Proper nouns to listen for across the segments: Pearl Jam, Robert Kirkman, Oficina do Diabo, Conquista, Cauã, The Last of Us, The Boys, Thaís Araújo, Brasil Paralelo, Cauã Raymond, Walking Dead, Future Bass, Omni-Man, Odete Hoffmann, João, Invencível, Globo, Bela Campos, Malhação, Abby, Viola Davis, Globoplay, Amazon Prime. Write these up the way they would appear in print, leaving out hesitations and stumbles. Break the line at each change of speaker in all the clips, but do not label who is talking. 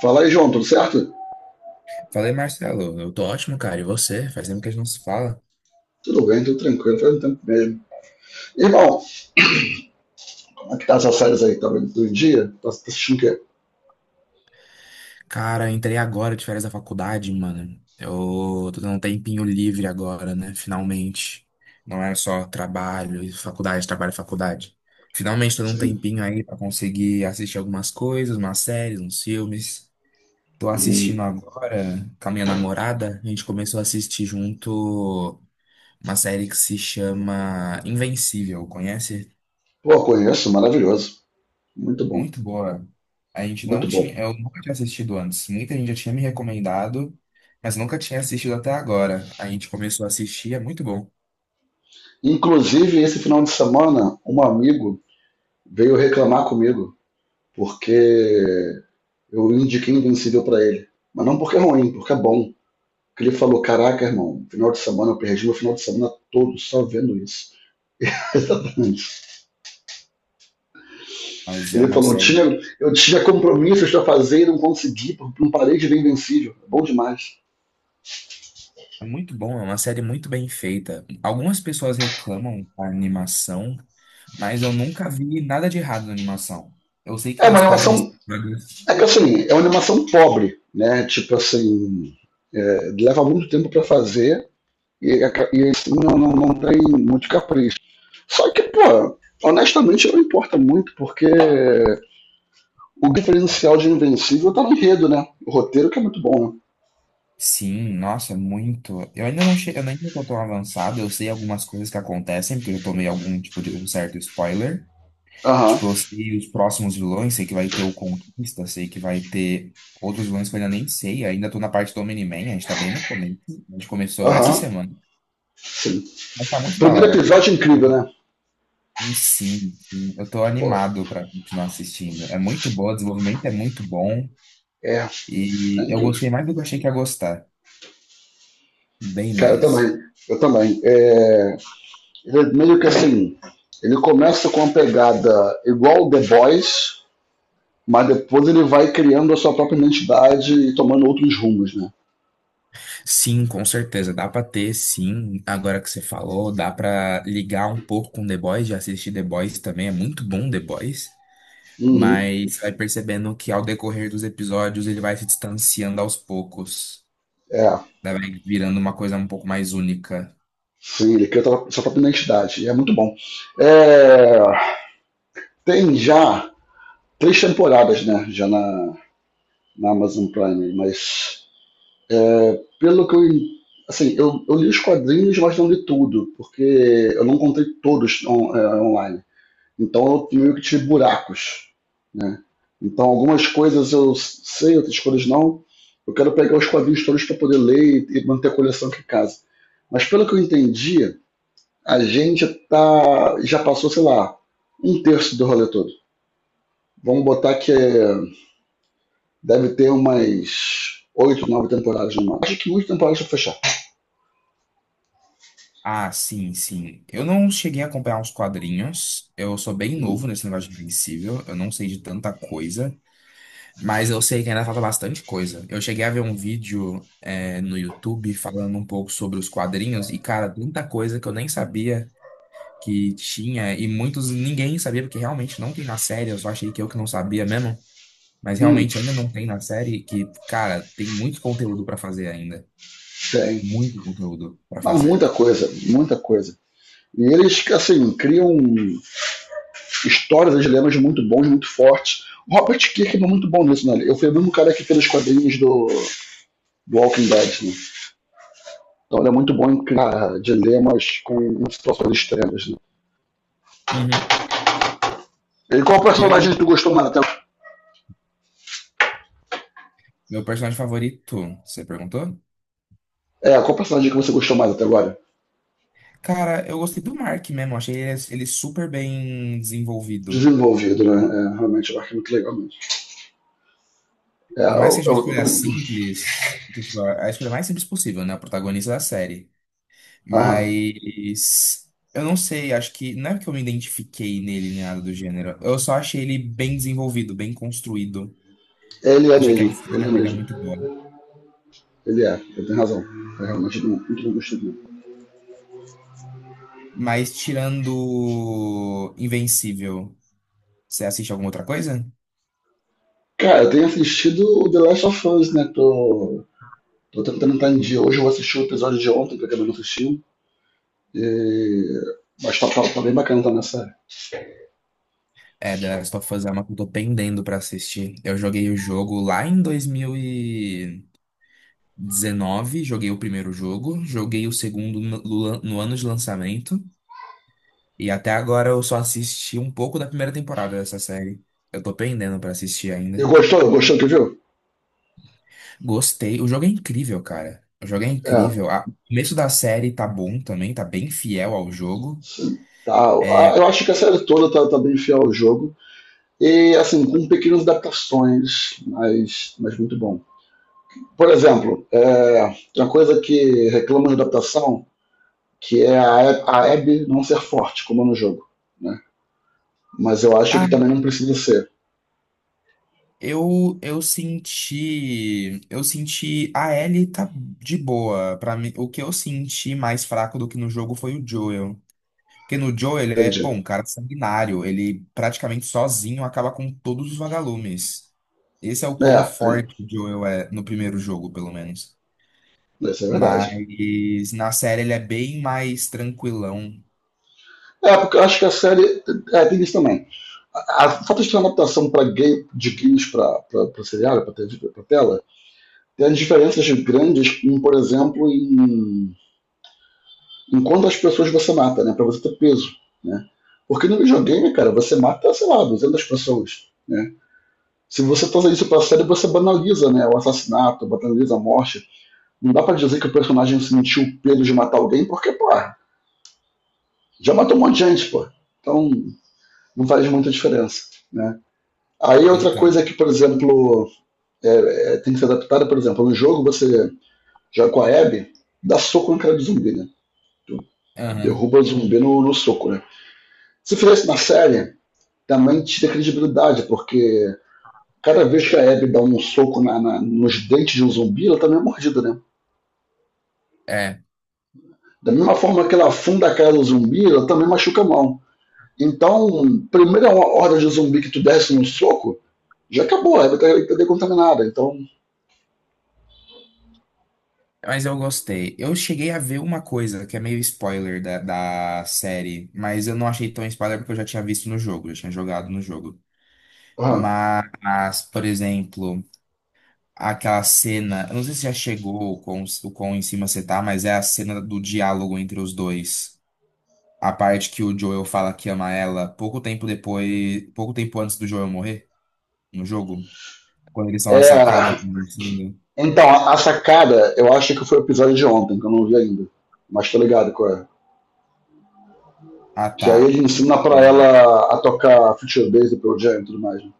Fala aí, João, tudo certo?
Falei, Marcelo, eu tô ótimo, cara. E você? Faz tempo que a gente não se fala.
Tudo bem, tudo tranquilo, faz um tempo mesmo. Irmão, como é que tá essas séries aí? Tá vendo todo dia? Tá assistindo o quê?
Cara, eu entrei agora de férias da faculdade, mano. Eu tô tendo um tempinho livre agora, né? Finalmente. Não era só trabalho, e faculdade, trabalho, e faculdade. Finalmente tô dando um
Sim.
tempinho aí pra conseguir assistir algumas coisas, umas séries, uns filmes. Tô assistindo
Hum.
agora com a minha namorada. A gente começou a assistir junto uma série que se chama Invencível, conhece?
Pô, conheço, maravilhoso. Muito bom,
Muito boa. A gente não
muito bom.
tinha, eu nunca tinha assistido antes. Muita gente já tinha me recomendado, mas nunca tinha assistido até agora. A gente começou a assistir, é muito bom.
Inclusive, esse final de semana, um amigo veio reclamar comigo porque eu indiquei Invencível pra ele. Mas não porque é ruim, porque é bom. Porque ele falou, caraca, irmão, final de semana, eu perdi meu final de semana todo só vendo isso.
Mas é
Ele
uma
falou,
série
eu tinha compromissos para fazer e não consegui, porque não parei de ver Invencível. É bom demais.
é muito bom, é uma série muito bem feita. Algumas pessoas reclamam da animação, mas eu nunca vi nada de errado na animação. Eu sei que
É uma
nas próximas
animação,
temporadas.
é que assim, é uma animação pobre, né? Tipo assim, é, leva muito tempo para fazer e, e assim, não tem muito capricho. Só que, pô, honestamente não importa muito, porque o diferencial de Invencível tá no enredo, né? O roteiro que é muito bom, né?
Sim, nossa, é muito. Eu ainda não cheguei, eu ainda não tô tão avançado, eu sei algumas coisas que acontecem, porque eu tomei algum tipo de um certo spoiler.
Aham,
Tipo, eu sei os próximos vilões, sei que vai ter o Conquista, sei que vai ter outros vilões que eu ainda nem sei. Ainda tô na parte do Omni-Man, a gente tá bem no começo. A gente começou essa
aham,
semana.
sim.
Mas tá muito da
Primeiro
hora, cara.
episódio é incrível,
Eu-
né?
Sim, sim. Eu tô
Pô,
animado pra continuar assistindo. É muito boa, o desenvolvimento é muito bom.
é
E eu
incrível.
gostei mais do que eu achei que ia gostar. Bem
Cara, eu também.
mais.
Eu também. É, ele meio que assim, ele começa com uma pegada igual o The Boys, mas depois ele vai criando a sua própria identidade e tomando outros rumos, né?
Sim, com certeza. Dá pra ter, sim. Agora que você falou, dá pra ligar um pouco com The Boys, já assisti The Boys também. É muito bom The Boys.
Uhum,
Mas você vai percebendo que ao decorrer dos episódios ele vai se distanciando aos poucos.
é.
Daí vai virando uma coisa um pouco mais única.
Sim, ele cria a sua própria identidade. E é muito bom. É, tem já três temporadas, né? Na Amazon Prime, mas é, pelo que eu en- assim, eu li os quadrinhos, mas não li tudo, porque eu não encontrei todos online. Então eu meio que tive buracos, né? Então algumas coisas eu sei, outras coisas não. Eu quero pegar os quadrinhos todos para poder ler e manter a coleção aqui em casa. Mas pelo que eu entendi, a gente já passou, sei lá, um terço do rolê todo. Vamos botar que é- Deve ter umas oito, nove temporadas no máximo. Acho que muitas temporadas pra fechar.
Ah, sim, sim. Eu não cheguei a acompanhar os quadrinhos. Eu sou bem novo nesse negócio de Invencível. Eu não sei de tanta coisa. Mas eu sei que ainda falta bastante coisa. Eu cheguei a ver um vídeo, no YouTube falando um pouco sobre os quadrinhos. E, cara, tanta coisa que eu nem sabia que tinha. E muitos ninguém sabia, porque realmente não tem na série. Eu só achei que eu que não sabia mesmo. Mas
Hum,
realmente ainda não tem na série que, cara, tem muito conteúdo pra fazer ainda.
tem.
Muito conteúdo pra
Mas
fazer.
muita coisa, muita coisa. E eles, assim, criam um histórias e dilemas muito bons, muito fortes. O Robert Kirkman é muito bom nisso, né? Eu fui o mesmo cara que fez os quadrinhos do Walking Dead, né? Então ele é muito bom em criar dilemas com situações extremas, né?
Uhum.
E qual
Eu,
personagem que tu gostou mais até agora?
meu personagem favorito, você perguntou?
É, qual personagem que você gostou mais até agora?
Cara, eu gostei do Mark mesmo, achei ele, ele super bem desenvolvido.
Desenvolvido, né? É, realmente, eu acho muito legal mesmo.
Por mais que seja uma
Eu tô...
escolha simples, tipo, a escolha mais simples possível, né? O protagonista da série.
Aham.
Mas eu não sei, acho que não é que eu me identifiquei nele nem nada do gênero. Eu só achei ele bem desenvolvido, bem construído.
Ele é
Achei que a
mesmo, ele
história
é
dele é
mesmo.
muito boa.
Ele é, ele tem razão. É realmente muito bom, muito bom.
Mas tirando Invencível, você assiste alguma outra coisa?
Cara, eu tenho assistido o The Last of Us, né? Tô tentando entrar em dia. Hoje eu vou assistir o episódio de ontem, que eu acabei não assistindo. E... Mas tá bem bacana também a série.
É, The Last of Us é uma que eu tô pendendo pra assistir. Eu joguei o jogo lá em 2019, joguei o primeiro jogo, joguei o segundo no ano de lançamento, e até agora eu só assisti um pouco da primeira temporada dessa série. Eu tô pendendo pra assistir
E
ainda.
gostou? Gostou do que viu?
Gostei, o jogo é incrível, cara. O jogo é
É.
incrível. A- O começo da série tá bom também, tá bem fiel ao jogo.
Sim. Tá. A-
É,
Eu acho que a série toda tá bem fiel ao jogo. E, assim, com pequenas adaptações, mas muito bom. Por exemplo, tem uma coisa que reclama de adaptação, que é a a Abby não ser forte, como é no jogo. Né? Mas eu acho que também não precisa ser.
Eu senti, eu senti a Ellie tá de boa. Para mim, o que eu senti mais fraco do que no jogo foi o Joel. Porque no Joel ele é, pô,
Entendi.
um cara sanguinário, ele praticamente sozinho acaba com todos os vagalumes. Esse é o quão
É, tem-
forte o Joel é no primeiro jogo, pelo menos.
isso é verdade.
Mas na série ele é bem mais tranquilão,
É, porque eu acho que a série. É, tem isso também. A falta de ter uma adaptação pra gay, de games pra seriado, pra TV, pra tela, tem as diferenças grandes, por exemplo, em quantas pessoas você mata, né? Pra você ter peso, né? Porque no videogame, cara, você mata, sei lá, 200 pessoas, né? Se você traz isso pra série, você banaliza, né? O assassinato, banaliza a morte. Não dá pra dizer que o personagem sentiu o peso de matar alguém, porque, pô, já matou um monte de gente, pô. Então, não faz muita diferença, né? Aí outra
então.
coisa que, por exemplo, é, tem que ser adaptada, por exemplo, no jogo você joga com a Abby, dá soco no cara do zumbi, né?
Aham.
Derruba o zumbi no soco, né? Se fizesse na série, também tira credibilidade, porque cada vez que a Abby dá um soco nos dentes de um zumbi, ela também é mordida, né? Da mesma forma que ela afunda a cara do zumbi, ela também machuca a mão. Então, primeira horda de zumbi que tu desce num soco, já acabou, a Abby tá decontaminada. Então,
Mas eu gostei. Eu cheguei a ver uma coisa que é meio spoiler da, da série, mas eu não achei tão spoiler porque eu já tinha visto no jogo, eu já tinha jogado no jogo.
aham.
Mas, por exemplo, aquela cena, eu não sei se já chegou o quão em cima você tá, mas é a cena do diálogo entre os dois. A parte que o Joel fala que ama ela pouco tempo depois, pouco tempo antes do Joel morrer no jogo, quando eles estão na sacada
é,
conversando.
Então, a sacada, eu acho que foi o episódio de ontem, que eu não vi ainda. Mas tô ligado qual é.
Ah,
Que aí
tá.
ele ensina pra
É,
ela a tocar Future Bass do Pearl Jam e tudo mais, né?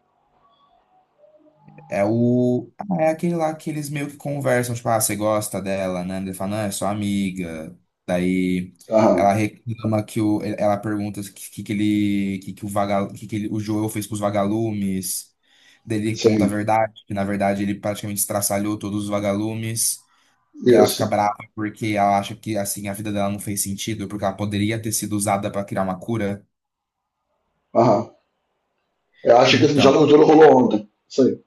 É o. É aquele lá que eles meio que conversam, tipo, ah, você gosta dela, né? Ele fala, não, é sua amiga. Daí
Aham,
ela reclama que o. Ela pergunta o que, que ele. Que o vaga, que ele, o Joel fez com os vagalumes. Daí ele conta a
sim.
verdade, que na verdade ele praticamente estraçalhou todos os vagalumes. E ela
Isso.
fica brava porque ela acha que assim a vida dela não fez sentido, porque ela poderia ter sido usada para criar uma cura.
Aham. Eu acho que esse
Então,
diálogo todo rolou ontem. Isso aí.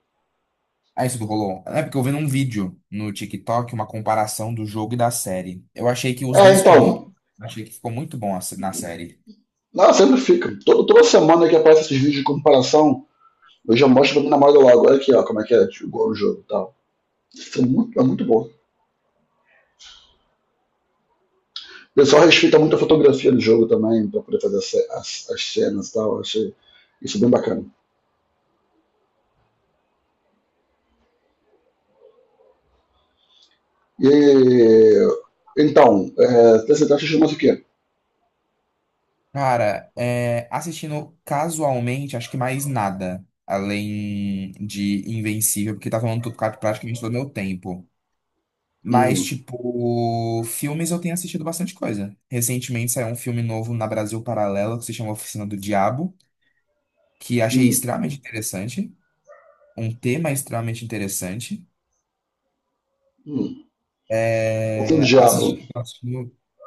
ah, isso do Hollow. É porque eu vi num vídeo no TikTok uma comparação do jogo e da série. Eu achei que os
É,
dois ficou muito.
então.
Achei que ficou muito bom a se- na série.
Não, sempre fica. Toda semana que aparece esses vídeos de comparação, eu já mostro pra minha namorada logo. Olha aqui, ó, como é que é, tipo, igual o jogo e tal. Isso é muito bom. O pessoal respeita muito a fotografia do jogo também, pra poder fazer as, as cenas e tal. Eu achei isso bem bacana. E, então, é, TCT chama-se o quê?
Cara, assistindo casualmente, acho que mais nada. Além de Invencível, porque tá falando tudo cara, praticamente todo o meu tempo. Mas,
Uhum,
tipo, filmes eu tenho assistido bastante coisa. Recentemente saiu um filme novo na Brasil Paralelo que se chama Oficina do Diabo, que achei
uhum,
extremamente interessante. Um tema extremamente interessante.
uhum. O diabo.
Assisti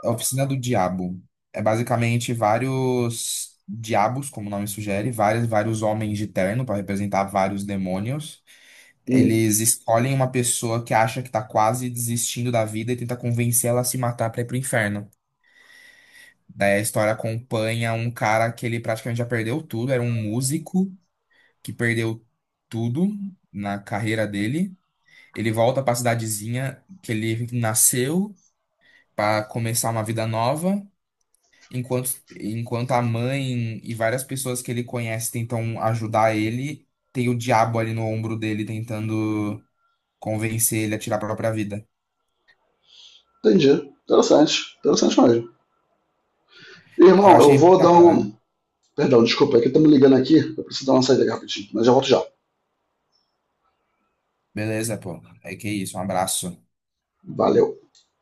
A Oficina do Diabo. É basicamente vários diabos, como o nome sugere, vários homens de terno para representar vários demônios.
Uhum.
Eles escolhem uma pessoa que acha que tá quase desistindo da vida e tenta convencê-la a se matar para ir pro inferno. Daí a história acompanha um cara que ele praticamente já perdeu tudo, era um músico que perdeu tudo na carreira dele. Ele volta para a cidadezinha que ele nasceu para começar uma vida nova, enquanto a mãe e várias pessoas que ele conhece tentam ajudar ele, tem o diabo ali no ombro dele tentando convencer ele a tirar a própria vida.
Entendi. Interessante. Interessante mesmo.
Eu
Irmão, eu
achei bem
vou
da
dar
hora.
um. Perdão, desculpa, é que estamos ligando aqui. Eu preciso dar uma saída aqui rapidinho, mas já volto já.
Beleza, pô. É que é isso, um abraço.
Valeu.